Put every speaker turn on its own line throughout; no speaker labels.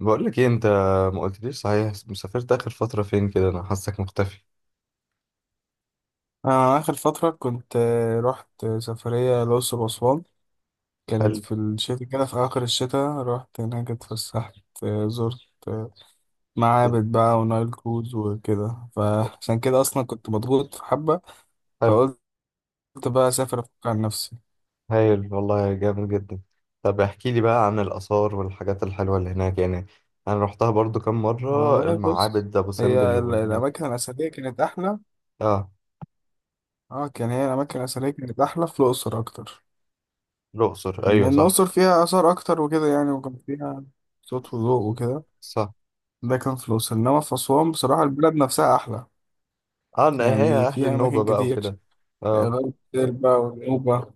بقول لك ايه انت، ما قلتليش صحيح مسافرت اخر فتره فين كده؟ انا حاسك مختفي.
أنا آخر فترة كنت رحت سفرية الأقصر وأسوان. كانت
هل
في الشتاء كده، في آخر الشتاء رحت هناك اتفسحت. زرت آه، معابد بقى ونايل كروز وكده، فعشان كده أصلا كنت مضغوط في حبة،
هل
فقلت بقى أسافر أفك عن نفسي.
هايل والله، جامد جدا. طب احكي لي بقى عن الاثار والحاجات الحلوه اللي هناك يعني. انا رحتها برضو كام مره،
والله بص،
المعابد ابو سمبل
هي
وال-
الأماكن الأثرية كانت أحلى.
اه.
اه كان هي الأماكن الأثرية كانت أحلى في الأقصر أكتر،
الاقصر، ايوه
لأن
صح.
الأقصر فيها آثار أكتر وكده يعني، وكان فيها صوت وضوء وكده.
صح،
ده كان في الأقصر، إنما في أسوان بصراحة البلد نفسها أحلى،
اه. إن هي
يعني
اهل
فيها
النوبه
أماكن
بقى
كتير
وكده. اه.
غير بقى ونوبة،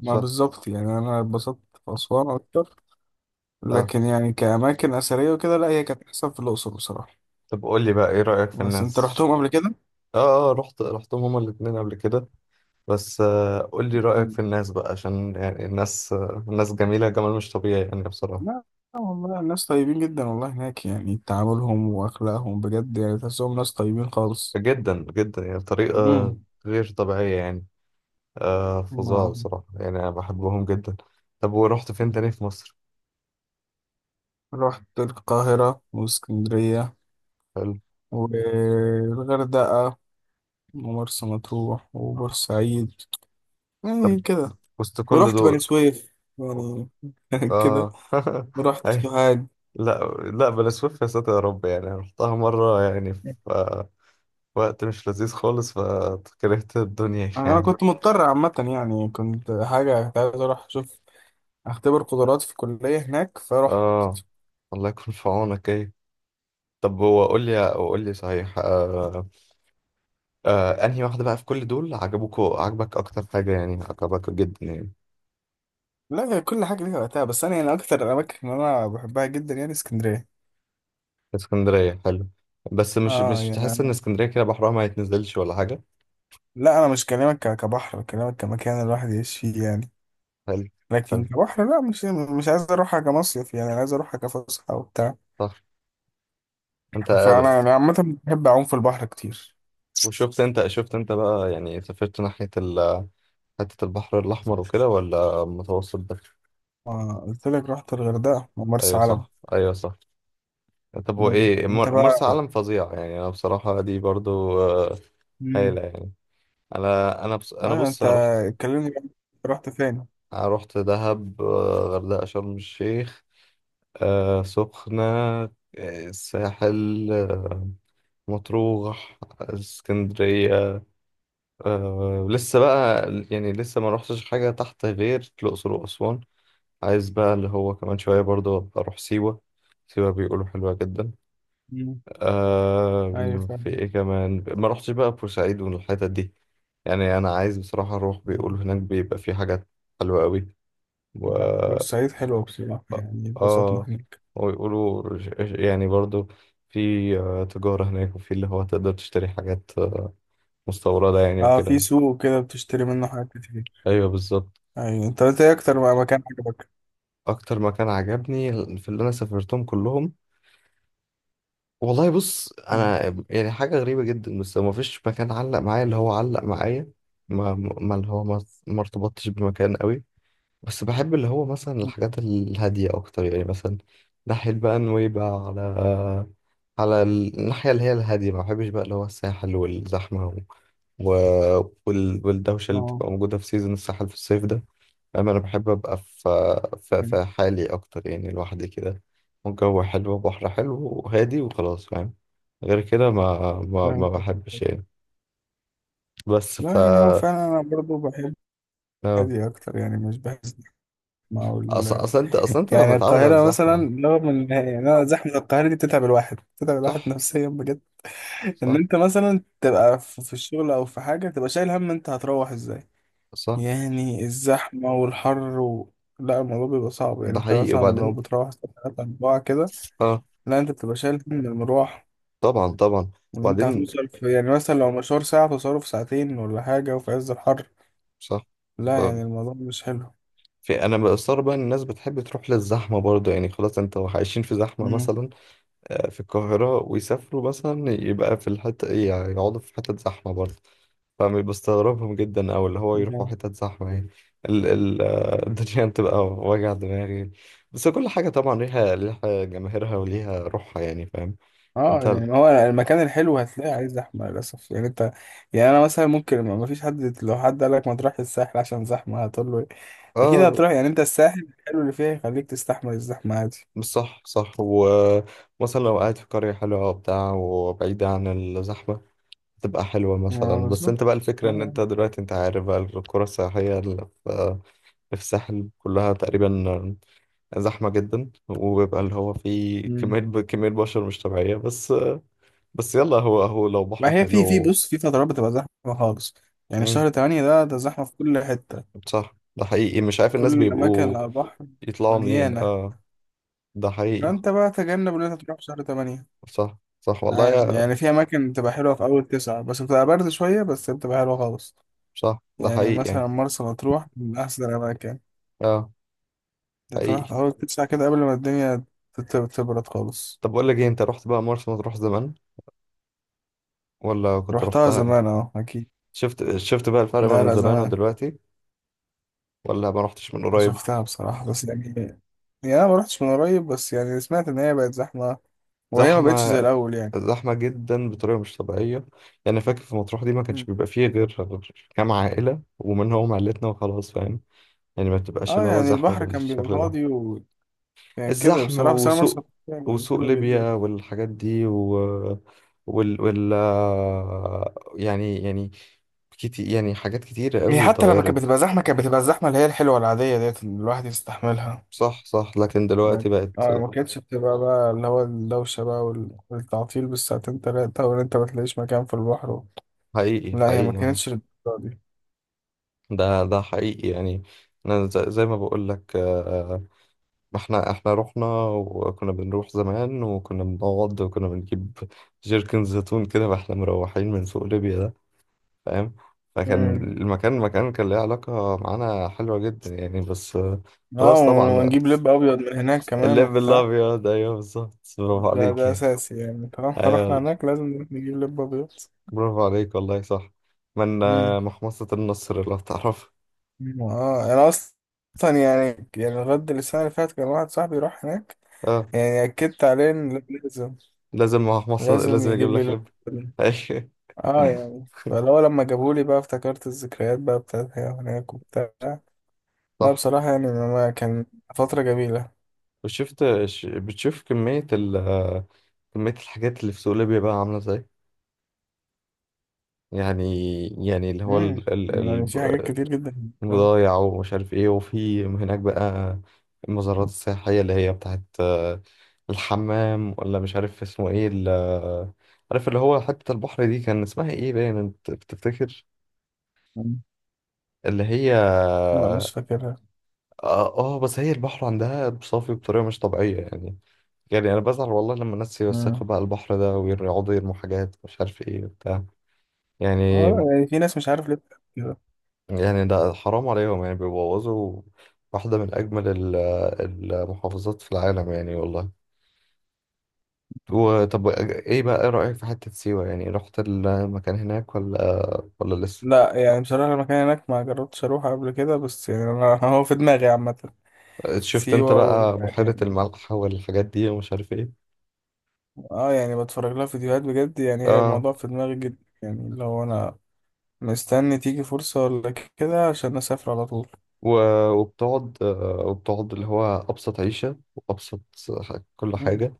ما
صح.
بالظبط. يعني أنا اتبسطت في أسوان أكتر،
اه.
لكن يعني كأماكن أثرية وكده لا، هي كانت أحسن في الأقصر بصراحة.
طب قول لي بقى ايه رايك في
بس أنت
الناس؟
رحتهم قبل كده؟
اه، اه، رحتهم هما الاتنين قبل كده. بس قول لي رأيك في
مم.
الناس بقى، عشان يعني الناس جميلة، جمال مش طبيعي يعني بصراحة.
لا، لا والله الناس طيبين جدا والله هناك، يعني تعاملهم وأخلاقهم بجد، يعني تحسهم ناس طيبين خالص.
جدا جدا، يعني بطريقة
مم.
غير طبيعية يعني.
ما
فظاع بصراحة، يعني أنا بحبهم جدا. طب ورحت فين تاني في مصر؟
رحت القاهرة واسكندرية
حلو.
والغردقة ومرسى مطروح وبورسعيد،
طب
يعني كده.
وسط كل
ورحت بني
دول.
سويف يعني كده.
آه
ورحت
أي.
سوهاج.
لا، لا بلا سويف يا ساتر يا رب، يعني رحتها مرة يعني في آه، وقت مش لذيذ خالص، فكرهت الدنيا
انا
يعني.
كنت مضطر عامة، يعني كنت عايز اروح اشوف، اختبر قدراتي في الكلية هناك فاروح.
آه، الله يكون في عونك. طب هو قول لي صحيح انهي واحدة بقى في كل دول عجبك، اكتر حاجة يعني، عجبك جدا يعني.
لا، هي كل حاجة ليها وقتها، بس انا يعني اكتر الاماكن اللي انا بحبها جدا يعني اسكندرية.
اسكندرية، حلو. بس مش
اه
مش
يعني
تحس ان
أنا
اسكندرية كده بحرها ما يتنزلش ولا حاجة؟
لا، انا مش كلامك كبحر، كلامك كمكان الواحد يعيش فيه يعني.
حلو. حلو.
لكن كبحر، لا، مش عايز اروحها كمصيف، يعني عايز اروحها كفسحة وبتاع.
صح. انت.
فانا يعني عامه بحب اعوم في البحر كتير.
وشفت انت بقى يعني، سافرت ناحية ال- حتة البحر الأحمر وكده، ولا متوسط بس؟
ما قلت لك رحت الغردقه ومرسى
ايوه
علم.
صح، ايوه صح. طب هو
مم.
ايه،
انت
مر-
بقى.
مرسى علم فظيع يعني، انا بصراحة دي برضو
مم.
هايلة يعني. انا انا بص انا
ايوه
بص
انت،
انا رحت.
اتكلمني بقى، رحت فين؟
أنا رحت دهب، غردقة، شرم الشيخ، سخنة، الساحل، مطروح، اسكندرية، لسه بقى، يعني لسه ما روحتش حاجة تحت غير الأقصر وأسوان. عايز بقى اللي هو كمان شوية برضه أبقى أروح سيوة، سيوة بيقولوا حلوة جدا.
مم. ايوه
في
فاهم.
إيه كمان، ما روحتش بقى بورسعيد والحتت دي. يعني أنا عايز بصراحة أروح،
مم.
بيقولوا هناك بيبقى في حاجات حلوة أوي.
لا بورسعيد حلوه بصراحه، يعني اتبسطنا
اه.
هناك.
ويقولوا ج- يعني برضو في تجارة هناك، وفي اللي هو تقدر تشتري حاجات مستوردة يعني
اه، في
وكده.
سوق كده بتشتري منه حاجات كتير.
ايوه بالظبط.
ايوه، انت قلت ايه اكتر بقى مكان عجبك؟
اكتر مكان عجبني في اللي انا سافرتهم كلهم، والله بص،
مم.
انا يعني حاجة غريبة جدا، بس ما فيش مكان علق معايا، اللي هو علق معايا، ما ما اللي هو ما ما ارتبطتش بمكان قوي. بس بحب اللي هو مثلا الحاجات
مم.
الهادية أكتر يعني، مثلا ناحية بقى نويبع، على الناحية اللي هي الهادية. ما بحبش بقى اللي هو الساحل والزحمة والدوشة اللي
اه.
بتبقى موجودة في سيزون الساحل في الصيف ده، فاهم. أنا بحب أبقى في في,
مم.
في حالي أكتر، يعني لوحدي كده. والجو حلو وبحر حلو وهادي وخلاص، فاهم. غير كده ما ما,
فاهم.
ما بحبش يعني. بس
لا،
ف-.
يعني هو فعلا انا برضو بحب هادي اكتر، يعني مش بحس. ما هو
أصلا أصلا أنت أصلا أنت
يعني
متعود على
القاهرة مثلا،
الزحمة.
رغم ان يعني أنا زحمة القاهرة دي بتتعب الواحد، بتتعب الواحد
صح،
نفسيا بجد. ان
صح،
انت مثلا تبقى في الشغل او في حاجة تبقى شايل هم انت هتروح ازاي،
صح،
يعني الزحمة والحر. و... لا الموضوع بيبقى صعب، يعني
ده
انت
حقيقي
مثلا لو
وبعدين.
بتروح الساعة 3 4 كده.
اه.
لا، انت بتبقى شايل هم المروح،
طبعا، طبعا.
وان انت
وبعدين.
هتوصل في، يعني مثلا لو مشوار ساعة توصله في ساعتين ولا حاجة، وفي عز الحر.
صح.
لا
ف-،
يعني الموضوع مش حلو.
في، انا بستغرب بقى إن الناس بتحب تروح للزحمه برضه، يعني خلاص انت عايشين في زحمه مثلا في القاهره، ويسافروا مثلا يبقى في الحته إيه، يعني يقعدوا في حته زحمه برضه. فبستغربهم جدا، او اللي هو يروحوا
مم.
حتت زحمه يعني. ال ال آه، الدنيا بتبقى وجع دماغي. بس كل حاجه طبعا ليها جماهيرها وليها روحها يعني، فاهم.
اه
انت.
يعني هو المكان الحلو هتلاقيه عليه زحمه للاسف، يعني انت. يعني انا مثلا ممكن ما فيش حد، لو حد قال لك ما تروحش الساحل عشان زحمه هتقول له إيه؟ اكيد
اه.
هتروح، يعني انت الساحل الحلو اللي فيها يخليك تستحمل الزحمه عادي.
مش، صح صح، ومثلا لو قاعد في قرية حلوة وبتاع وبعيدة عن الزحمة، تبقى حلوة
ما
مثلا، بس
بالظبط.
انت بقى الفكرة ان
آه.
انت دلوقتي، انت عارف بقى القرى السياحية اللي في الساحل كلها تقريبا زحمة جدا، وبيبقى اللي هو فيه
مم.
كمية كمية بشر مش طبيعية. بس، يلا، هو لو بحر
ما هي في
حلو.
بص، في فترات بتبقى زحمه خالص، يعني
مم.
شهر تمانية ده زحمه في كل حته.
صح ده حقيقي، مش عارف
كل
الناس
الاماكن
بيبقوا
اللي على البحر
يطلعوا منين.
مليانه.
اه. ده حقيقي.
فانت بقى تجنب ان انت تروح في شهر تمانية.
صح صح والله
عادي،
يا.
يعني في اماكن بتبقى حلوه في اول تسعة، بس بتبقى برد شويه، بس بتبقى حلوه خالص.
صح ده
يعني
حقيقي يعني.
مثلا مرسى مطروح من أحسن الأماكن،
اه.
أنت تروح في
حقيقي.
أول تسعة كده قبل ما الدنيا تبرد خالص.
طب بقول لك ايه، انت رحت بقى مرسى مطروح زمان، ولا كنت
رحتها
رحتها امتى؟
زمان، أه أكيد.
شفت بقى الفرق ما
لا
بين
لا
زمان
زمان.
ودلوقتي؟ ولا ما رحتش من
أنا
قريب؟
شفتها بصراحة بس يعني، يعني أنا ما رحتش من قريب، بس يعني سمعت إن هي بقت زحمة، وهي ما بقتش
زحمة،
زي الأول يعني.
زحمة جدا بطريقة مش طبيعية. يعني فاكر في مطروح دي ما كانش
مم.
بيبقى فيه غير كام عائلة، ومنهم عائلتنا وخلاص فاهم. يعني ما بتبقاش
أه،
اللي هو
يعني
زحمة
البحر كان بيبقى
بالشكل ده.
فاضي وكان كده
الزحمة
بصراحة، بس أنا مرسى
وسوق.
مطروح يعني
وسوق
حلوة جدا.
ليبيا والحاجات دي، و وال وال يعني كتير، يعني حاجات كتيرة
هي
قوي
حتى لما كانت
اتغيرت.
بتبقى زحمة كانت بتبقى الزحمة اللي هي الحلوة العادية ديت اللي الواحد يستحملها.
صح صح، لكن
ما
دلوقتي بقت.
اه، ما كانتش بتبقى بقى اللي هو الدوشة بقى والتعطيل بالساعتين تلاتة، وإن أنت ما تلاقيش مكان في البحر.
حقيقي
لا، هي ما
حقيقي.
كانتش للدرجة دي.
ده حقيقي يعني. انا ز- زي ما بقول لك، احنا رحنا، وكنا بنروح زمان، وكنا بنقعد وكنا بنجيب جيركن زيتون كده، واحنا مروحين من سوق ليبيا ده، فاهم. فكان
امم
المكان، مكان كان ليه علاقة معانا حلوة جدا يعني، بس
اه،
خلاص طبعا بقى.
ونجيب لب أبيض من هناك كمان
الليف
وبتاع.
الابيض، ايوه بالظبط، برافو
ده
عليك
ده
يعني.
أساسي، يعني طالما رحنا
ايوه.
هناك لازم نروح نجيب لب أبيض.
برافو عليك والله، صح. من
امم
محمصة النصر لو تعرف.
اه، أنا أصلا يعني لغاية السنة اللي فاتت كان واحد صاحبي راح هناك،
اه،
يعني أكدت عليه إن لازم،
لازم، ما مصر
لازم
لازم اجيب
يجيب لي
لك
لب.
لب. أيوة.
اه، يعني لما جابولي بقى افتكرت الذكريات بقى بتاعتها هناك وبتاع. لا
صح.
بصراحة يعني ما كان، فترة جميلة.
وشفت ش- بتشوف كمية كمية الحاجات اللي في سوق ليبيا بقى عاملة ازاي، يعني؟ اللي هو ال- ال-
يعني في حاجات
ال-
كتير جدا.
البضايع، ومش عارف ايه، وفي هناك بقى المزارات السياحية اللي هي بتاعت الحمام، ولا مش عارف اسمه ايه، ال- عارف اللي هو حتة البحر دي كان اسمها ايه باين، انت بتفتكر؟
مم.
اللي هي
لا مش فاكرها.
اه آه، بس هي البحر عندها صافي بطريقة مش طبيعية يعني. يعني انا بزعل والله لما الناس
مم.
يوسخوا بقى البحر ده، ويقعدوا يرموا حاجات مش عارف ايه وبتاع يعني.
اه، لا يعني في ناس مش عارف ليه بتعمل كده.
يعني ده حرام عليهم يعني، بيبوظوا واحدة من اجمل ال- المحافظات في العالم يعني والله. وطب ايه بقى، ايه رأيك في حتة سيوة، يعني رحت المكان هناك، ولا لسه؟
لا، يعني بصراحة المكان هناك ما جربتش اروح قبل كده، بس يعني انا هو في دماغي عامة.
شفت انت
سيوة
بقى بحيرة
يعني،
الملح والحاجات دي، ومش عارف ايه.
اه يعني بتفرج لها فيديوهات بجد، يعني هي
اه.
الموضوع في دماغي جدا، يعني لو انا مستني تيجي فرصة ولا كده عشان اسافر على طول.
و- وبتقعد اللي هو أبسط عيشة وأبسط ح- كل حاجة،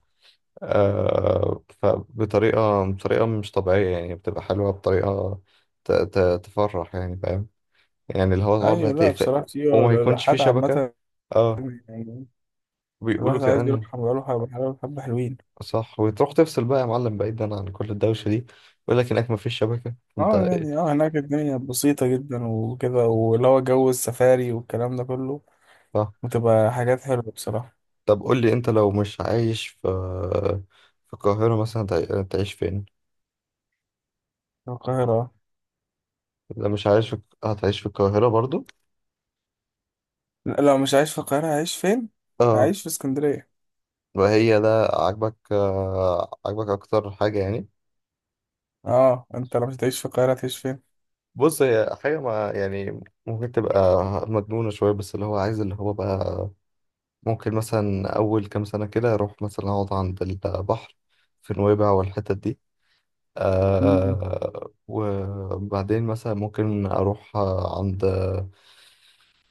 فبطريقة مش طبيعية يعني، بتبقى حلوة بطريقة ت- ت- تفرح يعني، فاهم. يعني اللي هو صعب
ايوه، لا بصراحه
هتقفل
سيوه
وما يكونش في
الرحلات
شبكة.
عامه
اه.
يعني،
بيقولوا
الواحد عايز
كمان.
يروح يروح بحلاوه حبه حلوين.
صح. وتروح تفصل بقى يا معلم، بعيدا عن كل الدوشة دي، يقول لك هناك مفيش شبكة انت
اه
إيه؟
يعني هناك الدنيا بسيطه جدا وكده، واللي هو جو السفاري والكلام ده كله،
صح.
وتبقى حاجات حلوه بصراحه.
طب قول لي انت، لو مش عايش في القاهرة مثلا، تع- تعيش فين؟
القاهره آه.
لا مش عايش في. هتعيش في القاهرة برضو؟
لا لو مش عايش في القاهره هعيش فين؟
اه.
هعيش في اسكندريه.
وهي ده عاجبك، أكتر حاجة يعني؟
اه، انت لو مش هتعيش في القاهره هتعيش فين؟
بص، هي حاجة ما يعني، ممكن تبقى مجنونة شوية، بس اللي هو عايز اللي هو بقى، ممكن مثلا أول كام سنة كده أروح مثلا أقعد عند البحر في نويبع والحتت دي.
مم،
وبعدين مثلا ممكن أروح عند،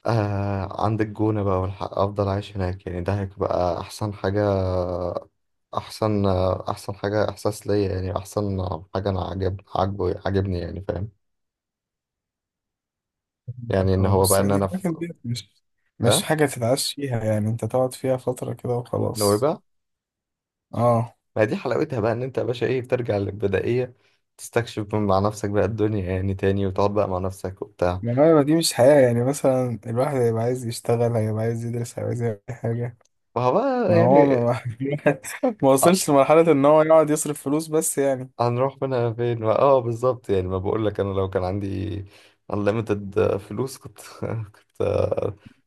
عندك جونة بقى، والحق أفضل عايش هناك يعني، ده هيبقى أحسن حاجة. أحسن أحسن حاجة، إحساس ليا يعني، أحسن حاجة أنا عجبني يعني، فاهم. يعني
فهمتك.
إن
اه،
هو بقى،
بس
إن
يعني
أنا في.
الاماكن دي مش
أه.
حاجه تتعاش فيها، يعني انت تقعد فيها فتره كده وخلاص.
نويبع.
اه،
ما دي حلاوتها بقى، إن أنت يا باشا إيه، بترجع للبدائية، تستكشف مع نفسك بقى الدنيا يعني تاني، وتقعد بقى مع نفسك وبتاع.
ما هو دي مش حياة، يعني مثلا الواحد هيبقى عايز يشتغل، هيبقى عايز يدرس، هيبقى عايز يعمل أي حاجة.
فهو بقى
ما هو
يعني
ما, ما
آه،
وصلش لمرحلة إن هو يقعد يصرف فلوس بس يعني.
هنروح منها فين ما- اه، بالظبط يعني. ما بقول لك انا لو كان عندي unlimited فلوس، كنت كنت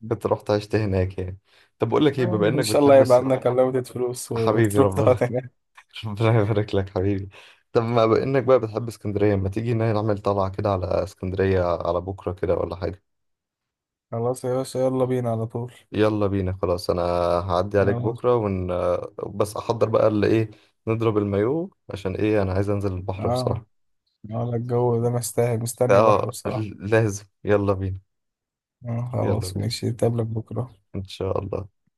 كنت رحت عشت هناك يعني. طب بقول لك ايه، بما
إن
انك
شاء الله
بتحب
يبقى
اس-.
عندك unlimited فلوس و-
حبيبي
وتروح
ربنا.
تقعد هناك.
ربنا يبارك لك حبيبي. طب ما بما انك بقى بتحب اسكندريه، ما تيجي نعمل طلعه كده على اسكندريه على بكره كده، ولا حاجه؟
خلاص يا باشا، يلا بينا على طول.
يلا بينا خلاص، انا هعدي عليك
خلاص.
بكره، ون-. بس احضر بقى اللي ايه، نضرب المايو، عشان ايه انا عايز انزل البحر
اه.
بصراحه.
اه لا، الجو ده مستاهل، مستني بحر
اه،
بصراحة.
لازم. يلا بينا. يلا
خلاص
بينا
ماشي، نتقابلك بكرة.
إن شاء الله.